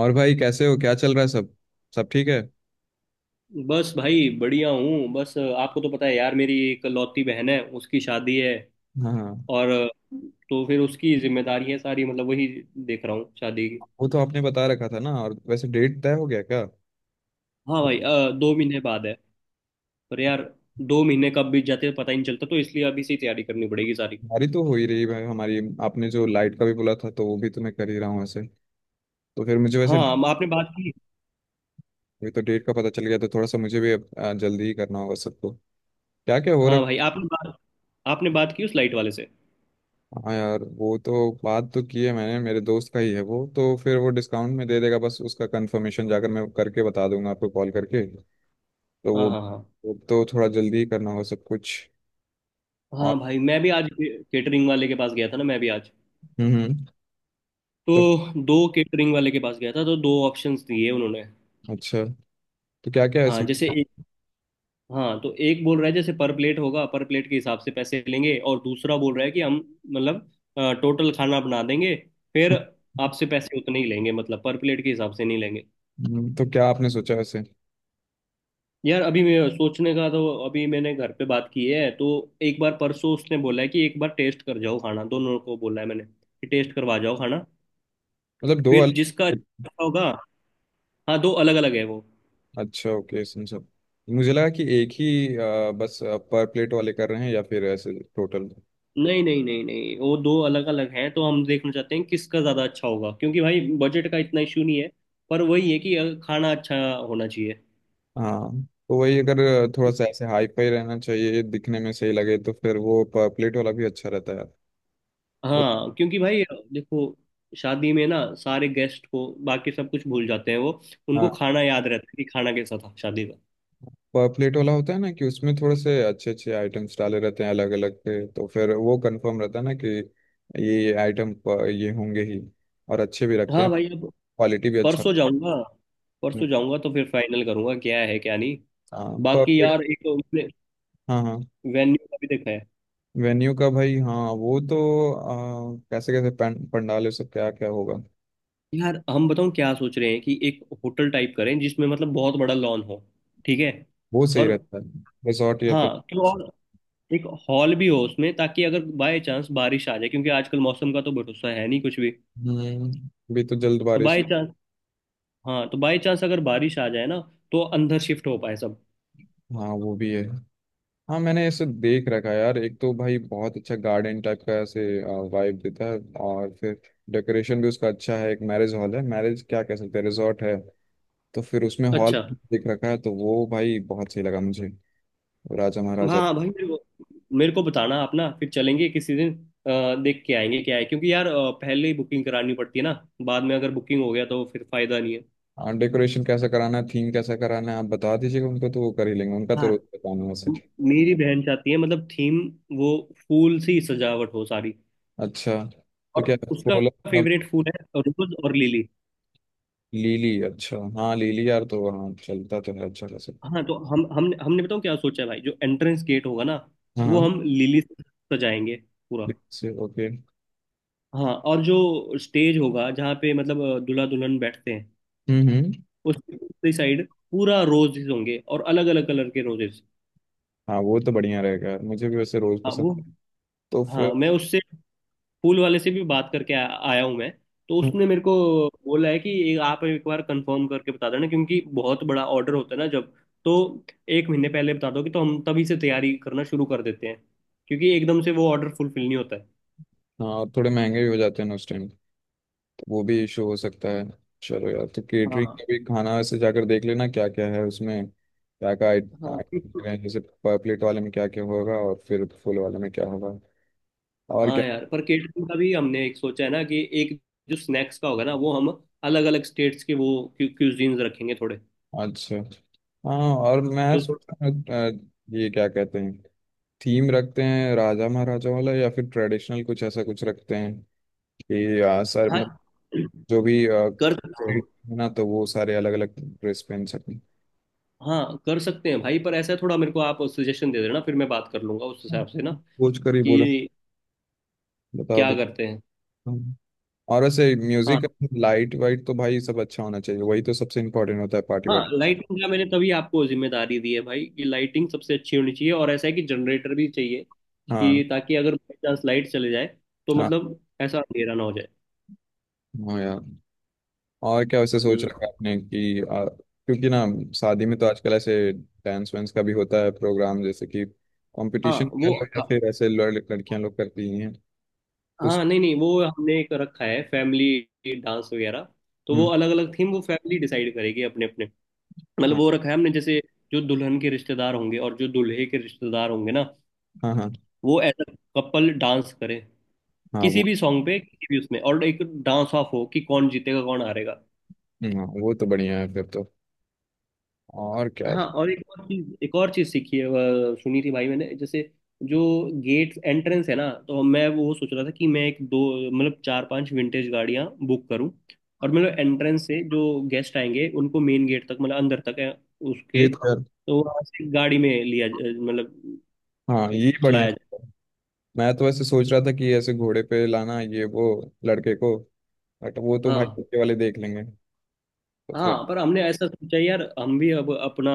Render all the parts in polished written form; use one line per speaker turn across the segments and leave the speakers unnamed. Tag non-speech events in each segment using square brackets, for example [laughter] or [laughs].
और भाई कैसे हो, क्या चल रहा है सब? सब ठीक है।
बस भाई बढ़िया हूँ। बस आपको तो पता है यार, मेरी एक लौती बहन है, उसकी शादी है।
हाँ हाँ।
और तो फिर उसकी जिम्मेदारी है सारी, मतलब वही देख रहा हूँ शादी की।
वो तो आपने बता रखा था ना। और वैसे डेट तय हो गया क्या?
हाँ भाई, 2 महीने बाद है। पर यार 2 महीने कब बीत जाते हैं पता ही नहीं चलता, तो इसलिए अभी से ही तैयारी करनी पड़ेगी सारी।
हमारी तो हो ही रही है, हमारी, आपने जो लाइट का भी बोला था तो वो भी तो मैं कर ही रहा हूँ वैसे। तो फिर मुझे वैसे
हाँ आपने बात की।
अभी तो डेट का पता चल गया, तो थोड़ा सा मुझे भी अब, जल्दी ही करना होगा सबको। क्या क्या हो
हाँ
रखा।
भाई, आपने बात की उस लाइट वाले से।
हाँ यार, वो तो बात तो की है मैंने, मेरे दोस्त का ही है वो, तो फिर वो डिस्काउंट में दे देगा। बस उसका कंफर्मेशन जाकर मैं करके बता दूंगा आपको कॉल करके। तो
हाँ हाँ हाँ।
वो तो थोड़ा जल्दी ही करना होगा सब कुछ। और
हाँ भाई, मैं भी आज केटरिंग वाले के पास गया था ना, मैं भी आज
हम्म हम्म।
तो
तो
दो केटरिंग वाले के पास गया था, तो दो ऑप्शंस दिए उन्होंने।
अच्छा, तो क्या क्या है
हाँ
इसमें?
जैसे, हाँ तो एक बोल रहा है जैसे पर प्लेट होगा, पर प्लेट के हिसाब से पैसे लेंगे। और दूसरा बोल रहा है कि हम, मतलब टोटल खाना बना देंगे, फिर आपसे पैसे उतने ही लेंगे, मतलब पर प्लेट के हिसाब से नहीं लेंगे।
तो क्या आपने सोचा ऐसे?
यार अभी मैं सोचने का तो, अभी मैंने घर पे बात की है, तो एक बार परसों उसने बोला है कि एक बार टेस्ट कर जाओ खाना, दोनों को बोला है मैंने कि टेस्ट करवा जाओ खाना,
मतलब दो
फिर
अलग।
जिसका अच्छा होगा। हाँ दो अलग अलग है वो।
अच्छा, ओके, समझा। मुझे लगा कि एक ही बस पर प्लेट वाले कर रहे हैं या फिर ऐसे टोटल।
नहीं नहीं नहीं नहीं, वो दो अलग अलग हैं, तो हम देखना चाहते हैं किसका ज्यादा अच्छा होगा, क्योंकि भाई बजट का इतना इशू नहीं है। पर वही है कि खाना अच्छा होना चाहिए।
हाँ तो वही, अगर थोड़ा सा ऐसे हाई फाई रहना चाहिए, दिखने में सही लगे, तो फिर वो पर प्लेट वाला भी अच्छा रहता है वो।
हाँ क्योंकि भाई देखो, शादी में ना सारे गेस्ट को बाकी सब कुछ भूल जाते हैं, वो उनको
हाँ,
खाना याद रहता है कि खाना कैसा था शादी का।
पर प्लेट वाला होता है ना कि उसमें थोड़े से अच्छे अच्छे आइटम्स डाले रहते हैं अलग अलग के, तो फिर वो कंफर्म रहता है ना कि ये आइटम ये item, ये होंगे ही, और अच्छे भी रखते
हाँ
हैं,
भाई अब
क्वालिटी भी अच्छा।
परसों जाऊंगा परसों जाऊंगा तो फिर फाइनल करूंगा क्या है क्या नहीं।
हाँ,
बाकी
परफेक्ट।
यार एक तो
हाँ हाँ।
वेन्यू का भी देखा है।
वेन्यू का भाई हाँ, वो तो कैसे कैसे पंडाल से क्या क्या होगा।
यार हम बताऊं क्या सोच रहे हैं, कि एक होटल टाइप करें जिसमें मतलब बहुत बड़ा लॉन हो। ठीक है,
वो सही
और
रहता है। रिसॉर्ट या फिर।
हाँ तो, और एक हॉल भी हो उसमें, ताकि अगर बाय चांस बारिश आ जाए, क्योंकि आजकल मौसम का तो भरोसा है नहीं कुछ भी।
हम्म। अभी तो जल्द
तो
बारिश।
बाय चांस, हाँ तो बाय चांस अगर बारिश आ जाए ना, तो अंदर शिफ्ट हो पाए सब।
हाँ वो भी है। हाँ मैंने ऐसे देख रखा है यार, एक तो भाई बहुत अच्छा गार्डन टाइप का ऐसे वाइब देता है, और फिर डेकोरेशन भी उसका अच्छा है। एक मैरिज हॉल है, मैरिज क्या, कह सकते हैं रिसॉर्ट है, तो फिर उसमें हॉल
अच्छा
देख रखा है, तो वो भाई बहुत सही लगा मुझे। राजा
हाँ
महाराजा।
हाँ भाई, मेरे को बताना आप ना, फिर चलेंगे किसी दिन, देख के आएंगे क्या है, क्योंकि यार पहले ही बुकिंग करानी पड़ती है ना, बाद में अगर बुकिंग हो गया तो फिर फायदा नहीं है।
हाँ, डेकोरेशन कैसा कराना है, थीम कैसा कराना है, आप बता दीजिएगा उनको तो वो कर ही लेंगे, उनका तो
हाँ
रोज का काम है वैसे।
मेरी बहन चाहती है, मतलब थीम वो फूल से ही सजावट हो सारी,
अच्छा, तो क्या,
और उसका
फूल। अब
फेवरेट फूल है रोज और लिली।
लीली, अच्छा, हाँ लीली यार तो हाँ, चलता तो है अच्छा खासा।
हाँ तो हम हमने बताओ क्या सोचा है भाई, जो एंट्रेंस गेट होगा ना,
हाँ
वो
हाँ,
हम लिली से सजाएंगे पूरा।
से ओके।
हाँ और जो स्टेज होगा, जहाँ पे मतलब दूल्हा दुल्हन बैठते हैं,
हम्म।
उसकी साइड पूरा रोजेस होंगे, और अलग अलग कलर के रोजेस।
हाँ वो तो बढ़िया रहेगा यार, मुझे भी वैसे रोज
हाँ
पसंद
वो,
है। तो फिर।
हाँ मैं उससे फूल वाले से भी बात करके आया हूँ मैं। तो उसने मेरे को बोला है कि ये आप एक बार कंफर्म करके बता देना, क्योंकि बहुत बड़ा ऑर्डर होता है ना जब, तो 1 महीने पहले बता दोगे तो हम तभी से तैयारी करना शुरू कर देते हैं, क्योंकि एकदम से वो ऑर्डर फुलफिल नहीं होता है।
हाँ, और थोड़े महंगे भी हो जाते हैं ना उस टाइम, वो भी इशू हो सकता है। चलो यार, तो केटरिंग
हाँ
का भी खाना से जाकर देख लेना क्या क्या है उसमें, क्या क्या
हाँ
आइटम
बिल्कुल।
है, जैसे पर प्लेट वाले में क्या क्या होगा और फिर फुल वाले में क्या होगा। और क्या।
हाँ यार पर केटरिंग का भी हमने एक सोचा है ना, कि एक जो स्नैक्स का होगा ना, वो हम अलग अलग स्टेट्स के वो क्यूजीन्स रखेंगे थोड़े।
अच्छा, हाँ और मैं
तो
सोच रहा हूँ, अ, ये क्या कहते हैं, थीम रखते हैं राजा महाराजा वाला, या फिर ट्रेडिशनल कुछ, ऐसा कुछ रखते हैं कि सर
हाँ
मतलब जो भी
कर सकते हैं।
street है ना, तो वो सारे अलग अलग ड्रेस पहन सकें।
हाँ कर सकते हैं भाई, पर ऐसा है थोड़ा, मेरे को आप सजेशन दे देना, फिर मैं बात कर लूंगा उस हिसाब से ना,
सोच कर ही बोलो,
कि
बता
क्या करते हैं।
दो। और वैसे
हाँ
म्यूजिक, लाइट वाइट तो भाई सब अच्छा होना चाहिए, वही तो सबसे इम्पोर्टेंट होता है पार्टी
हाँ,
वार्टी।
लाइटिंग का मैंने तभी आपको जिम्मेदारी दी है भाई, कि लाइटिंग सबसे अच्छी होनी चाहिए। और ऐसा है कि जनरेटर भी चाहिए,
हाँ।
कि ताकि अगर बाई चांस लाइट चले जाए, तो
हाँ।
मतलब ऐसा अंधेरा ना हो जाए।
हाँ यार। और क्या वैसे सोच
हम्म
रखा है आपने कि क्योंकि ना शादी में तो आजकल ऐसे डांस वांस का भी होता है प्रोग्राम, जैसे कि
हाँ
कंपटीशन कह
वो।
लो या
हाँ
फिर ऐसे लड़कियां लोग करती हैं, तो
हाँ, नहीं नहीं वो हमने एक रखा है फैमिली डांस वगैरह, तो वो
हम्म,
अलग अलग थीम वो फैमिली डिसाइड करेगी अपने अपने, मतलब
हाँ
वो रखा है हमने। जैसे जो दुल्हन के रिश्तेदार होंगे, और जो दूल्हे के रिश्तेदार होंगे ना,
हाँ हाँ।
वो एज अ कपल डांस करे
हाँ, वो।
किसी भी सॉन्ग पे किसी भी उसमें, और एक डांस ऑफ हो कि कौन जीतेगा कौन हारेगा।
हाँ, वो तो बढ़िया है फिर तो। और क्या।
हाँ और एक और चीज सीखी है, वह सुनी थी भाई मैंने, जैसे जो गेट एंट्रेंस है ना, तो मैं वो सोच रहा था कि मैं एक दो, मतलब चार पांच विंटेज गाड़ियां बुक करूं, और मतलब एंट्रेंस से जो गेस्ट आएंगे उनको मेन गेट तक, मतलब अंदर तक है
ये
उसके,
तो यार।
तो वहां से गाड़ी में लिया मतलब
हाँ ये बढ़िया।
चलाया जाए।
मैं तो वैसे सोच रहा था कि ऐसे घोड़े पे लाना ये वो लड़के को, बट वो तो भाई
हाँ
पीछे वाले देख लेंगे, तो
हाँ
फिर।
पर हमने ऐसा सोचा यार, हम भी अब अपना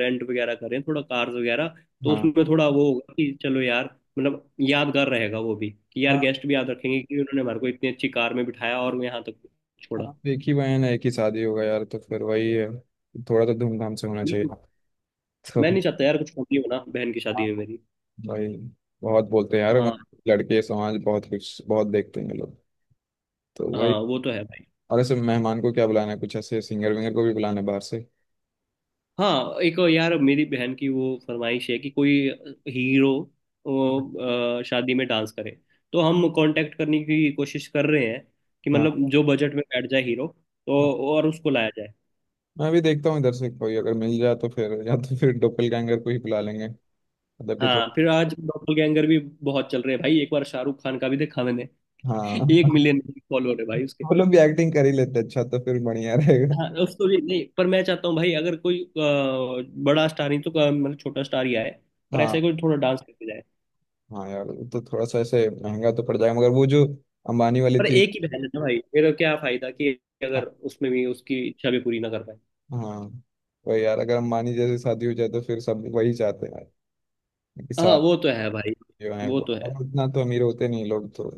रेंट वगैरह करें थोड़ा कार्स वगैरह, तो
हाँ।
उसमें थोड़ा वो होगा कि चलो यार, मतलब यादगार रहेगा वो भी, कि यार
हाँ,
गेस्ट भी याद रखेंगे कि उन्होंने हमारे को इतनी अच्छी कार में बिठाया और यहाँ तक छोड़ा।
हाँ, एक ही बहन है, एक ही शादी होगा यार, तो फिर वही है, थोड़ा तो धूमधाम से होना चाहिए।
बिल्कुल,
तो
मैं नहीं चाहता यार कुछ कमी हो ना बहन की
हाँ,
शादी में मेरी।
भाई बहुत बोलते हैं यार,
हाँ
लड़के समाज बहुत कुछ बहुत देखते हैं ये लोग, तो वही।
हाँ वो तो है भाई।
और ऐसे मेहमान को क्या बुलाना है, कुछ ऐसे सिंगर विंगर को भी बुलाना है बाहर से।
हाँ एक यार, मेरी बहन की वो फरमाइश है कि कोई हीरो वो, शादी में डांस करे, तो हम कांटेक्ट करने की कोशिश कर रहे हैं कि
हाँ।
मतलब जो बजट में बैठ जाए हीरो,
हाँ,
तो और उसको लाया जाए।
मैं भी देखता हूँ इधर से कोई अगर मिल जाए, तो फिर, या तो फिर डोपलगैंगर को ही बुला लेंगे। मतलब कि
हाँ
थोड़ा।
फिर आज डबल गैंगर भी बहुत चल रहे हैं भाई, एक बार शाहरुख खान का भी देखा मैंने,
हाँ
एक
[laughs]
मिलियन फॉलोअर है भाई उसके।
वो लोग भी एक्टिंग कर ही लेते हैं, अच्छा तो फिर बढ़िया रहेगा।
हाँ उसको भी नहीं, पर मैं चाहता हूँ भाई अगर कोई बड़ा स्टार नहीं, तो मतलब छोटा स्टार ही आए, पर ऐसा ही
हाँ।
कोई थोड़ा डांस करके।
हाँ यार, वो तो थोड़ा सा ऐसे महंगा तो पड़ जाएगा, मगर वो जो अंबानी वाली
पर
थी।
एक ही बहन है ना भाई, फिर क्या फायदा कि
हाँ।
अगर उसमें भी उसकी इच्छा भी पूरी ना कर पाए।
हाँ, वही यार, अगर अंबानी जैसी शादी हो जाए तो फिर सब वही चाहते हैं यार, कि
हाँ
साथ
वो तो है भाई।
जो है
वो
वो,
तो है।
और उतना तो अमीर होते नहीं लोग, तो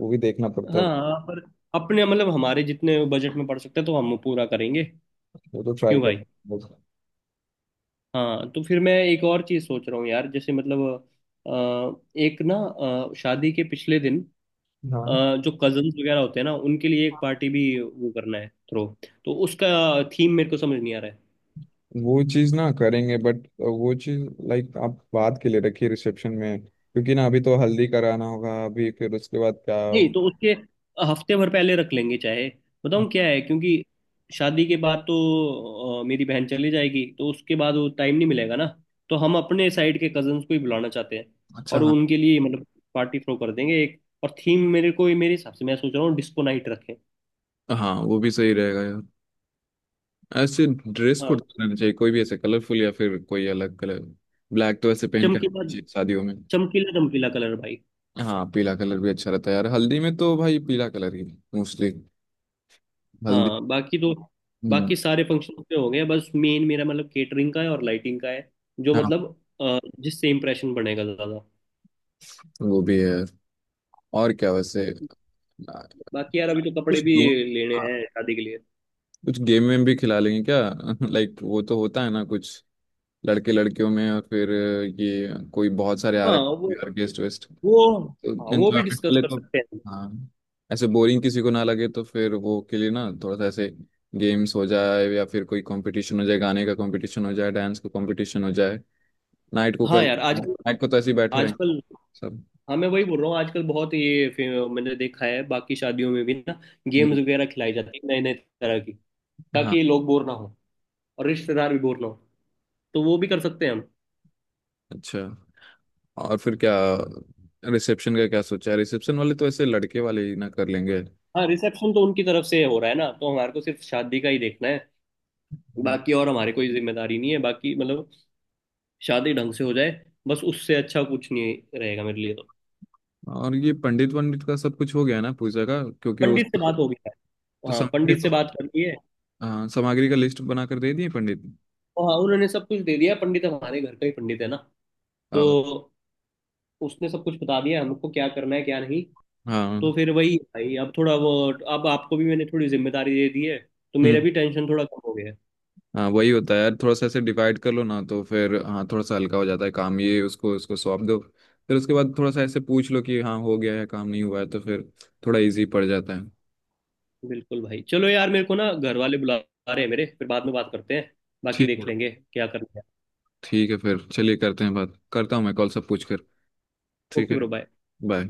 वो भी देखना पड़ता है।
हाँ हाँ, पर अपने मतलब हमारे जितने बजट में पड़ सकते हैं तो हम पूरा करेंगे।
वो तो ट्राई
क्यों
कर।
भाई। हाँ तो फिर मैं एक और चीज़ सोच रहा हूँ यार, जैसे मतलब एक ना, शादी के पिछले दिन,
हाँ,
अ, जो कजन्स वगैरह होते हैं ना, उनके लिए एक पार्टी भी वो करना है थ्रो, तो उसका थीम मेरे को समझ नहीं आ रहा है।
वो चीज ना करेंगे, बट वो चीज लाइक, आप बात के लिए रखिए रिसेप्शन में, क्योंकि ना अभी तो हल्दी कराना होगा, अभी फिर उसके बाद क्या।
नहीं, तो उसके हफ्ते भर पहले रख लेंगे चाहे, बताऊँ क्या है, क्योंकि शादी के बाद तो मेरी बहन चली जाएगी, तो उसके बाद वो टाइम नहीं मिलेगा ना। तो हम अपने साइड के कजन्स को ही बुलाना चाहते हैं,
अच्छा
और
हाँ।
उनके लिए मतलब पार्टी थ्रो कर देंगे। एक और थीम, मेरे को मेरे हिसाब से मैं सोच रहा हूँ डिस्को नाइट रखें।
हाँ वो भी सही रहेगा यार। ऐसे ड्रेस
हाँ
कोड रहना चाहिए, कोई भी ऐसे कलरफुल या फिर कोई अलग कलर, ब्लैक तो ऐसे पहन के
चमकीला,
रखना चाहिए शादियों में।
चमकीला चमकीला कलर भाई।
हाँ, पीला कलर भी अच्छा रहता है यार, हल्दी में तो भाई पीला कलर ही मोस्टली, हल्दी।
हाँ बाकी तो,
हम्म।
बाकी सारे फंक्शन पे हो गए, बस मेन मेरा मतलब केटरिंग का है और लाइटिंग का है, जो
हाँ
मतलब जिससे इम्प्रेशन बनेगा ज्यादा।
वो भी है यार। और क्या वैसे आ,
बाकी यार अभी तो कपड़े
कुछ
भी
गेम।
लेने
हाँ,
हैं शादी के लिए।
कुछ गेम में भी खिला लेंगे क्या [laughs] लाइक वो तो होता है ना कुछ लड़के लड़कियों में, और फिर ये कोई बहुत सारे
हाँ
आर्क,
वो,
आर्केस्ट वेस्ट,
वो
तो
हाँ वो भी
एंजॉयमेंट
डिस्कस
वाले
कर
को।
सकते हैं।
हाँ, ऐसे बोरिंग किसी को ना लगे, तो फिर वो के लिए ना थोड़ा सा ऐसे गेम्स हो जाए, या फिर कोई कंपटीशन हो जाए, गाने का कंपटीशन हो जाए, डांस का कंपटीशन हो जाए, नाइट को कर,
हाँ यार आजकल
नाइट को तो ऐसे ही बैठे रहेंगे
आजकल
सब।
हाँ मैं वही बोल रहा हूँ, आजकल बहुत ये मैंने देखा है बाकी शादियों में भी ना,
हम्म,
गेम्स वगैरह खिलाई जाती है नए नए तरह की,
हाँ।
ताकि लोग बोर ना हो, और रिश्तेदार भी बोर ना हो, तो वो भी कर सकते हैं हम।
अच्छा, और फिर क्या, रिसेप्शन का क्या सोचा है? रिसेप्शन वाले तो ऐसे लड़के वाले ही ना कर लेंगे।
हाँ रिसेप्शन तो उनकी तरफ से हो रहा है ना, तो हमारे को सिर्फ शादी का ही देखना है,
हम्म।
बाकी और हमारी कोई जिम्मेदारी नहीं है, बाकी मतलब शादी ढंग से हो जाए बस, उससे अच्छा कुछ नहीं रहेगा मेरे लिए तो।
और ये पंडित वंडित का सब कुछ हो गया ना, पूजा का, क्योंकि उस
पंडित से बात होगी,
तो
हाँ
सामग्री
पंडित से
तो,
बात कर ली है।
हाँ सामग्री का लिस्ट बनाकर दे दिए पंडित।
और हाँ उन्होंने सब कुछ दे दिया, पंडित हमारे घर का ही पंडित है ना, तो
हाँ।
उसने सब कुछ बता दिया हमको क्या करना है क्या नहीं। तो
हाँ।
फिर वही है भाई, अब थोड़ा वो, अब आपको भी मैंने थोड़ी जिम्मेदारी दे दी है, तो मेरा
हम्म।
भी टेंशन थोड़ा कम हो गया है।
हाँ वही होता है यार, थोड़ा सा ऐसे डिवाइड कर लो ना, तो फिर हाँ थोड़ा सा हल्का हो जाता है काम, ये उसको उसको सौंप दो, फिर उसके बाद थोड़ा सा ऐसे पूछ लो कि हाँ हो गया है, काम नहीं हुआ है तो फिर, थोड़ा इजी पड़ जाता है।
बिल्कुल भाई, चलो यार मेरे को ना घर वाले बुला रहे हैं मेरे, फिर बाद में बात करते हैं, बाकी
ठीक है।
देख लेंगे क्या करना है।
ठीक है, फिर चलिए, करते हैं, बात करता हूँ मैं कॉल सब पूछ कर। ठीक
ओके
है।
Bro bye.
बाय।